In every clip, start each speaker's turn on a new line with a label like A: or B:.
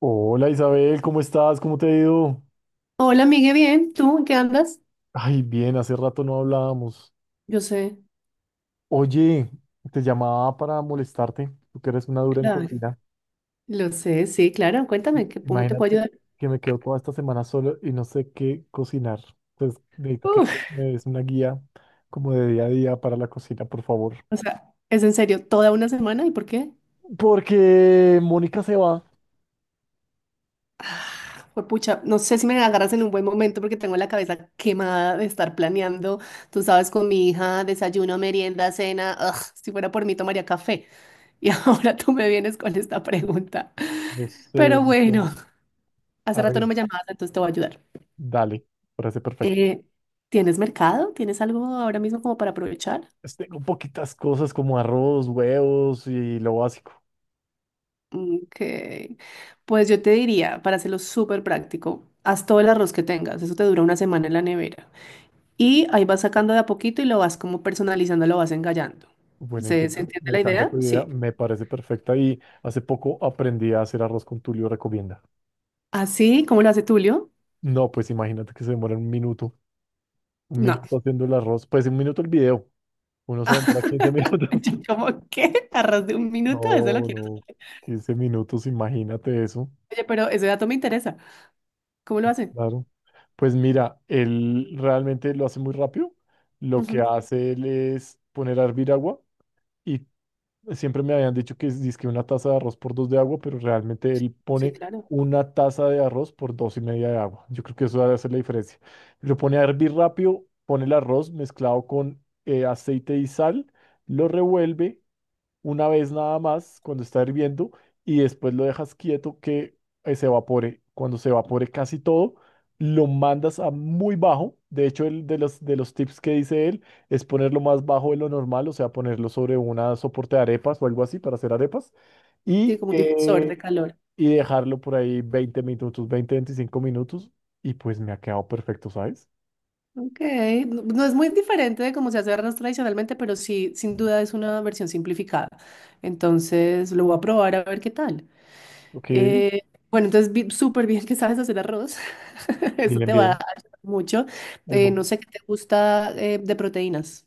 A: Hola Isabel, ¿cómo estás? ¿Cómo te ha ido?
B: Hola, Miguel, bien. ¿Tú en qué andas?
A: Ay, bien, hace rato no hablábamos.
B: Yo sé.
A: Oye, te llamaba para molestarte, tú que eres una dura en
B: Claro.
A: cocina.
B: Lo sé, sí, claro. Cuéntame, ¿cómo te puedo
A: Imagínate
B: ayudar?
A: que me quedo toda esta semana solo y no sé qué cocinar. Entonces, necesito que
B: Uf,
A: me des una guía como de día a día para la cocina, por favor.
B: o sea, ¿es en serio, toda una semana? ¿Y por qué?
A: Porque Mónica se va.
B: Pues pucha, no sé si me agarras en un buen momento porque tengo la cabeza quemada de estar planeando, tú sabes, con mi hija, desayuno, merienda, cena. Si fuera por mí, tomaría café. Y ahora tú me vienes con esta pregunta.
A: Yo sé,
B: Pero
A: yo sé.
B: bueno,
A: A
B: hace rato no
A: ver,
B: me llamabas, entonces te voy a ayudar.
A: dale, parece perfecto.
B: Eh, ¿Tienes mercado? ¿Tienes algo ahora mismo como para aprovechar?
A: Pues tengo poquitas cosas como arroz, huevos y lo básico.
B: Ok. Pues yo te diría, para hacerlo súper práctico, haz todo el arroz que tengas, eso te dura una semana en la nevera. Y ahí vas sacando de a poquito y lo vas como personalizando, lo vas engallando.
A: Buena
B: ¿Se
A: idea,
B: entiende
A: me
B: la
A: encanta
B: idea?
A: tu idea,
B: Sí.
A: me parece perfecta y hace poco aprendí a hacer arroz con Tulio, recomienda.
B: Así como lo hace Tulio,
A: No, pues imagínate que se demora 1 minuto, un
B: no.
A: minuto haciendo el arroz, pues 1 minuto el video, uno se demora quince minutos.
B: Yo como, ¿qué? ¿Arroz de un minuto? Eso lo
A: No,
B: quiero
A: no,
B: saber.
A: 15 minutos, imagínate eso,
B: Oye, pero ese dato me interesa. ¿Cómo lo hace?
A: claro. Pues mira, él realmente lo hace muy rápido, lo que
B: Ujú.
A: hace él es poner a hervir agua y siempre me habían dicho que es dizque 1 taza de arroz por dos de agua, pero realmente
B: Sí,
A: él
B: sí,
A: pone
B: claro.
A: 1 taza de arroz por dos y media de agua. Yo creo que eso debe hacer la diferencia. Lo pone a hervir rápido, pone el arroz mezclado con aceite y sal, lo revuelve una vez nada más cuando está hirviendo y después lo dejas quieto que se evapore. Cuando se evapore casi todo, lo mandas a muy bajo. De hecho, de los tips que dice él es ponerlo más bajo de lo normal, o sea, ponerlo sobre una soporte de arepas o algo así para hacer arepas
B: Sí,
A: y,
B: como un difusor de
A: eh,
B: calor.
A: y dejarlo por ahí 20 minutos, 20 25 minutos y pues me ha quedado perfecto, ¿sabes?
B: Ok, no, no es muy diferente de cómo se hace arroz tradicionalmente, pero sí, sin duda es una versión simplificada. Entonces lo voy a probar a ver qué tal.
A: Ok,
B: Eh, bueno, entonces súper bien que sabes hacer arroz. Eso
A: bien,
B: te va a
A: bien.
B: ayudar mucho.
A: Ahí voy.
B: No sé qué te gusta de proteínas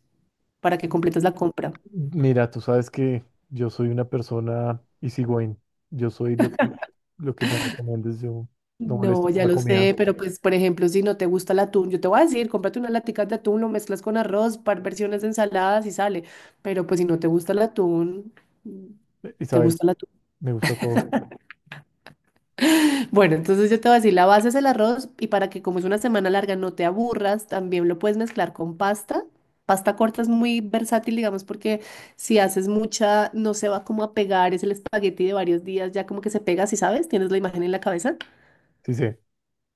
B: para que completes la compra.
A: Mira, tú sabes que yo soy una persona easygoing. Yo soy lo que me recomiendes. Yo no molesto
B: No,
A: por
B: ya
A: la
B: lo
A: comida.
B: sé, pero pues, por ejemplo, si no te gusta el atún, yo te voy a decir, cómprate unas laticas de atún, lo mezclas con arroz, par versiones de ensaladas y sale. Pero pues si no te gusta el atún, ¿te
A: Isabel,
B: gusta el atún?
A: me gusta todo.
B: Bueno, entonces yo te voy a decir, la base es el arroz y para que como es una semana larga no te aburras, también lo puedes mezclar con pasta. Pasta corta es muy versátil, digamos, porque si haces mucha, no se va como a pegar, es el espagueti de varios días, ya como que se pega, si sabes, tienes la imagen en la cabeza,
A: Sí, sí.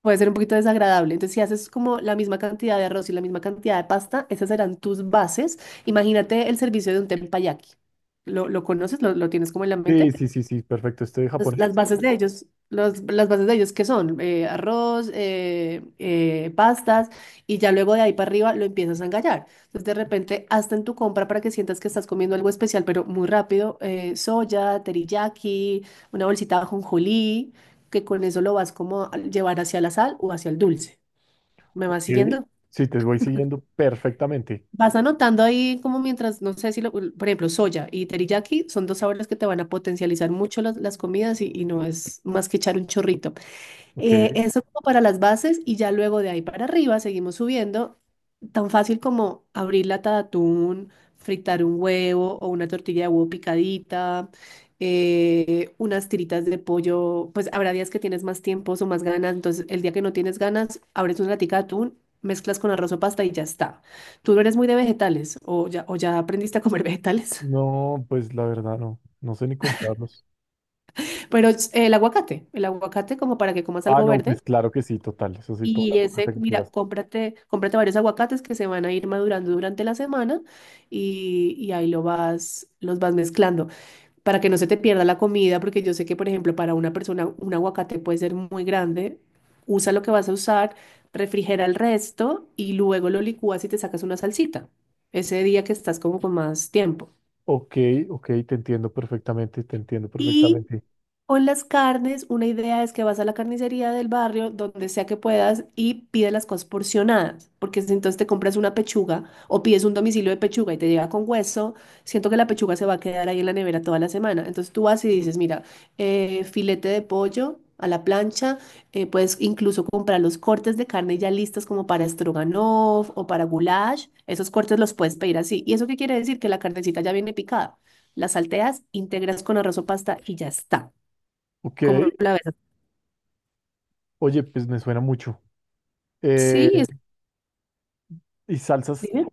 B: puede ser un poquito desagradable. Entonces, si haces como la misma cantidad de arroz y la misma cantidad de pasta, esas serán tus bases. Imagínate el servicio de un tempayaki. ¿Lo conoces? ¿Lo tienes como en la
A: Sí,
B: mente?
A: sí, sí, sí, perfecto. Estoy de
B: Las,
A: japonés.
B: las bases de ellos, las bases de ellos, ¿qué son? Arroz, pastas, y ya luego de ahí para arriba lo empiezas a engallar. Entonces, de repente, hasta en tu compra para que sientas que estás comiendo algo especial, pero muy rápido, soya, teriyaki, una bolsita de ajonjolí, que con eso lo vas como a llevar hacia la sal o hacia el dulce. ¿Me
A: Ok.
B: vas siguiendo?
A: Sí, te voy siguiendo perfectamente.
B: Vas anotando ahí como mientras, no sé si lo, por ejemplo, soya y teriyaki son dos sabores que te van a potencializar mucho las comidas y no es más que echar un chorrito.
A: Ok.
B: Eso como para las bases y ya luego de ahí para arriba seguimos subiendo. Tan fácil como abrir lata de atún, fritar un huevo o una tortilla de huevo picadita, unas tiritas de pollo. Pues habrá días que tienes más tiempos o más ganas. Entonces, el día que no tienes ganas, abres una latica de atún, mezclas con arroz o pasta y ya está. Tú no eres muy de vegetales o ya aprendiste a comer vegetales.
A: No, pues la verdad no. No sé ni comprarlos.
B: Pero el aguacate como para que comas
A: Ah,
B: algo
A: no,
B: verde.
A: pues claro que sí, total. Eso sí, toda la
B: Y ese,
A: aguacate que
B: mira,
A: quieras.
B: cómprate varios aguacates que se van a ir madurando durante la semana y ahí lo vas, los vas mezclando para que no se te pierda la comida, porque yo sé que, por ejemplo, para una persona un aguacate puede ser muy grande. Usa lo que vas a usar, refrigera el resto y luego lo licúas y te sacas una salsita ese día que estás como con más tiempo.
A: Ok, ok, te entiendo perfectamente, te entiendo
B: y
A: perfectamente.
B: O en las carnes, una idea es que vas a la carnicería del barrio, donde sea que puedas, y pides las cosas porcionadas, porque si entonces te compras una pechuga o pides un domicilio de pechuga y te llega con hueso, siento que la pechuga se va a quedar ahí en la nevera toda la semana. Entonces tú vas y dices, mira, filete de pollo a la plancha, puedes incluso comprar los cortes de carne ya listos como para stroganoff o para goulash, esos cortes los puedes pedir así. ¿Y eso qué quiere decir? Que la carnecita ya viene picada. La salteas, integras con arroz o pasta y ya está
A: Ok.
B: como la verdad.
A: Oye, pues me suena mucho. Eh,
B: Sí, es,
A: ¿Y salsas?
B: dime.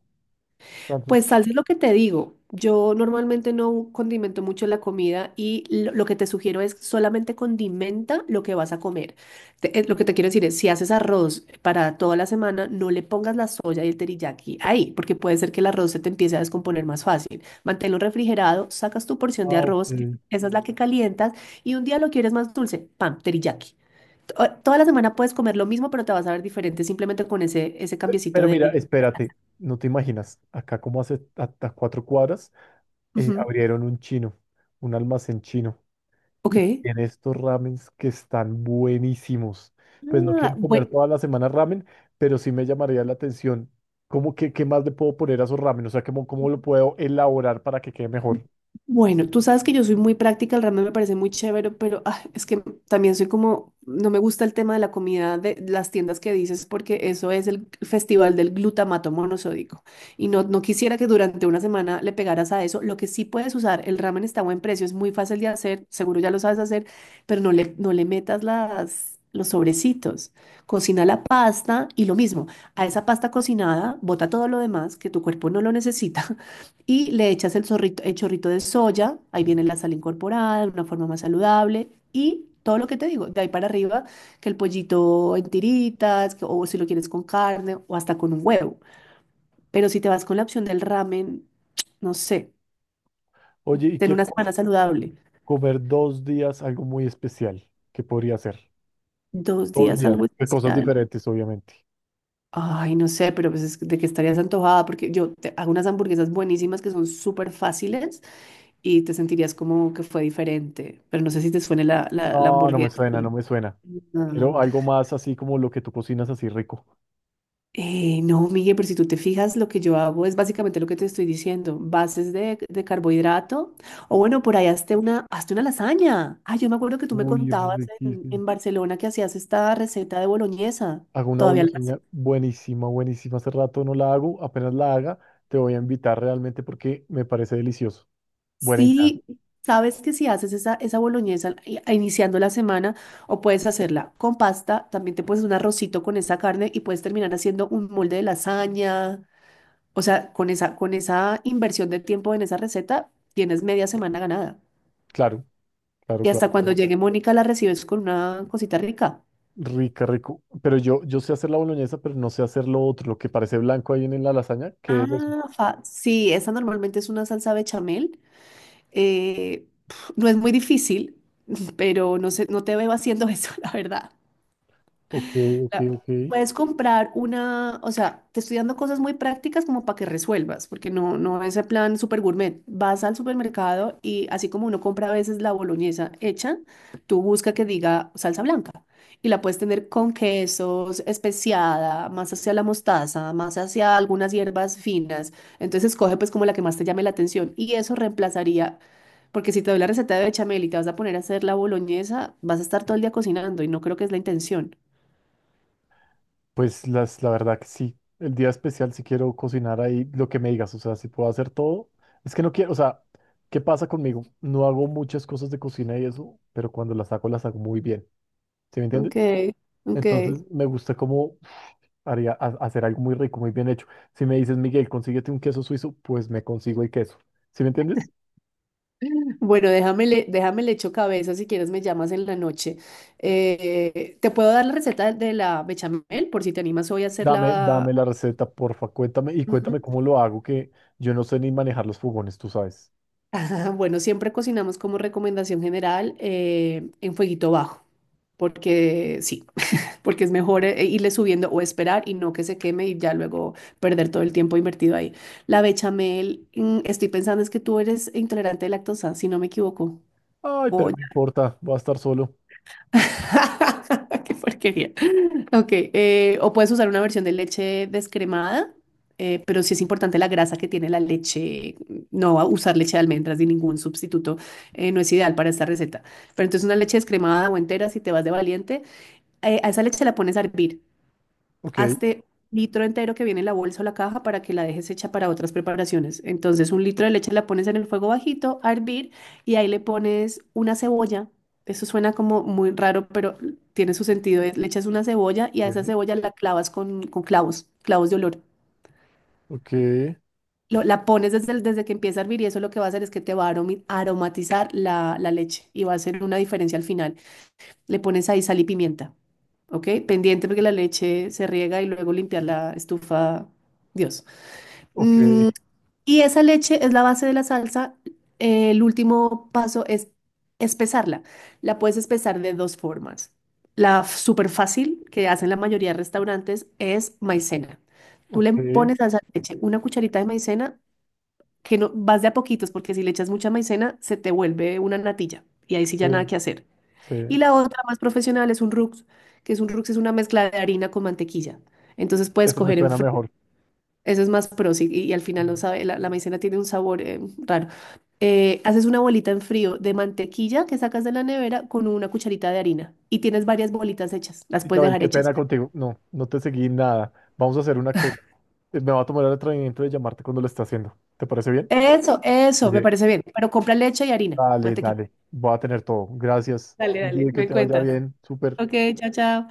B: Pues
A: Entonces,
B: salsa es lo que te digo. Yo normalmente no condimento mucho la comida y lo que te sugiero es solamente condimenta lo que vas a comer. Lo que te quiero decir es, si haces arroz para toda la semana, no le pongas la soya y el teriyaki ahí, porque puede ser que el arroz se te empiece a descomponer más fácil. Manténlo refrigerado, sacas tu porción de
A: ah, ok.
B: arroz, esa es la que calientas y un día lo quieres más dulce, pam, teriyaki. Toda la semana puedes comer lo mismo, pero te vas a ver diferente simplemente con ese cambiecito
A: Pero
B: de...
A: mira, espérate, no te imaginas, acá como hace hasta 4 cuadras,
B: Ujú.
A: abrieron un chino, un almacén chino, y
B: Ok.
A: tiene estos ramens que están buenísimos. Pues no
B: Ah,
A: quiero comer toda la semana ramen, pero sí me llamaría la atención. ¿Cómo que qué más le puedo poner a esos ramen? O sea, cómo lo puedo elaborar para que quede mejor?
B: bueno, tú sabes que yo soy muy práctica, el ramen me parece muy chévere, pero es que también soy como, no me gusta el tema de la comida de las tiendas que dices, porque eso es el festival del glutamato monosódico. Y no, no quisiera que durante una semana le pegaras a eso. Lo que sí puedes usar, el ramen está a buen precio, es muy fácil de hacer, seguro ya lo sabes hacer, pero no le metas los sobrecitos. Cocina la pasta y lo mismo, a esa pasta cocinada, bota todo lo demás que tu cuerpo no lo necesita. Le echas el chorrito de soya, ahí viene la sal incorporada de una forma más saludable y todo lo que te digo, de ahí para arriba, que el pollito en tiritas, o si lo quieres con carne o hasta con un huevo. Pero si te vas con la opción del ramen, no sé,
A: Oye, y
B: ten
A: quiero
B: una semana saludable,
A: comer 2 días algo muy especial. ¿Qué podría hacer?
B: dos
A: Dos
B: días
A: días,
B: algo
A: de cosas
B: especial.
A: diferentes, obviamente.
B: Ay, no sé, pero pues de que estarías antojada, porque yo te hago unas hamburguesas buenísimas que son súper fáciles y te sentirías como que fue diferente, pero no sé si te suene la
A: No, no me
B: hamburguesa.
A: suena, no me suena.
B: Ah,
A: Quiero algo más así como lo que tú cocinas así rico.
B: no, Miguel, pero si tú te fijas, lo que yo hago es básicamente lo que te estoy diciendo, bases de carbohidrato, o bueno, por ahí hazte una lasaña. Ah, yo me acuerdo que tú me
A: Uy,
B: contabas
A: riquísimo.
B: en Barcelona que hacías esta receta de boloñesa.
A: Hago una
B: ¿Todavía la haces?
A: boloseña buenísima, buenísima. Hace rato no la hago, apenas la haga, te voy a invitar realmente porque me parece delicioso. Buena idea.
B: Sí, sabes que si haces esa boloñesa iniciando la semana, o puedes hacerla con pasta, también te puedes un arrocito con esa carne y puedes terminar haciendo un molde de lasaña. O sea, con con esa inversión de tiempo en esa receta, tienes media semana ganada.
A: Claro, claro,
B: Y
A: claro,
B: hasta cuando
A: claro.
B: llegue Mónica la recibes con una cosita rica.
A: Rica, rico. Pero yo sé hacer la boloñesa, pero no sé hacer lo otro, lo que parece blanco ahí en la lasaña. ¿Qué es eso?
B: Sí, esa normalmente es una salsa bechamel. No es muy difícil, pero no sé, no te veo haciendo eso, la verdad.
A: Ok, ok,
B: la-
A: ok.
B: Puedes comprar una, o sea, te estoy dando cosas muy prácticas como para que resuelvas, porque no, no es el plan super gourmet. Vas al supermercado y así como uno compra a veces la boloñesa hecha, tú busca que diga salsa blanca y la puedes tener con quesos, especiada, más hacia la mostaza, más hacia algunas hierbas finas. Entonces escoge pues como la que más te llame la atención y eso reemplazaría. Porque si te doy la receta de bechamel y te vas a poner a hacer la boloñesa, vas a estar todo el día cocinando y no creo que es la intención.
A: Pues la verdad que sí, el día especial si quiero cocinar ahí lo que me digas, o sea, si puedo hacer todo, es que no quiero, o sea, ¿qué pasa conmigo? No hago muchas cosas de cocina y eso, pero cuando las hago muy bien, ¿sí me entiendes?
B: Ok, ok.
A: Entonces me gusta cómo haría hacer algo muy rico, muy bien hecho. Si me dices, Miguel, consíguete un queso suizo, pues me consigo el queso, ¿sí me entiendes?
B: Bueno, déjame le echo cabeza, si quieres me llamas en la noche. ¿Te puedo dar la receta de la bechamel por si te animas hoy a
A: Dame,
B: hacerla?
A: dame la receta, porfa, cuéntame y
B: Ujú.
A: cuéntame cómo lo hago, que yo no sé ni manejar los fogones, tú sabes.
B: Bueno, siempre cocinamos como recomendación general en fueguito bajo, porque sí, porque es mejor irle subiendo o esperar y no que se queme y ya luego perder todo el tiempo invertido ahí. La bechamel, mm, estoy pensando es que tú eres intolerante de lactosa, si no me equivoco.
A: Ay, pero
B: O
A: no importa, voy a estar solo.
B: Qué porquería. Ok, o puedes usar una versión de leche descremada, pero sí es importante la grasa que tiene la leche. No va a usar leche de almendras ni ningún sustituto, no es ideal para esta receta. Pero entonces una leche descremada o entera, si te vas de valiente, a esa leche la pones a hervir.
A: Ok.
B: Hazte un litro entero que viene en la bolsa o la caja para que la dejes hecha para otras preparaciones. Entonces, un litro de leche la pones en el fuego bajito a hervir y ahí le pones una cebolla. Eso suena como muy raro, pero tiene su sentido. Le echas una cebolla y a esa cebolla la clavas con clavos, clavos de olor.
A: Ok,
B: La pones desde que empieza a hervir y eso lo que va a hacer es que te va a aromatizar la leche y va a hacer una diferencia al final. Le pones ahí sal y pimienta, ¿ok? Pendiente porque la leche se riega y luego limpiar la estufa, Dios.
A: ok,
B: Mm, y esa leche es la base de la salsa. El último paso es espesarla. La puedes espesar de dos formas. Súper fácil que hacen la mayoría de restaurantes es maicena. Tú
A: ok,
B: le
A: sí,
B: pones a esa leche una cucharita de maicena, que no vas de a poquitos, porque si le echas mucha maicena, se te vuelve una natilla. Y ahí sí ya nada que hacer.
A: sí,
B: Y la otra más profesional es un rux, que es un rux es una mezcla de harina con mantequilla. Entonces puedes
A: eso me
B: coger en
A: suena
B: frío.
A: mejor.
B: Eso es más pro, sí, y al final no
A: Mm.
B: sabe, la maicena tiene un sabor raro. Haces una bolita en frío de mantequilla que sacas de la nevera con una cucharita de harina y tienes varias bolitas hechas, las puedes
A: Isabel,
B: dejar
A: qué
B: hechas.
A: pena contigo. No, no te seguí nada. Vamos a hacer una cosa. Me va a tomar el atrevimiento de llamarte cuando lo esté haciendo. ¿Te parece bien?
B: Eso, me
A: Oye,
B: parece bien. Pero compra leche y harina,
A: dale,
B: mantequilla.
A: dale. Voy a tener todo. Gracias.
B: Dale, dale,
A: Oye, que
B: me
A: te vaya
B: cuentas.
A: bien. Súper.
B: Ok, chao, chao.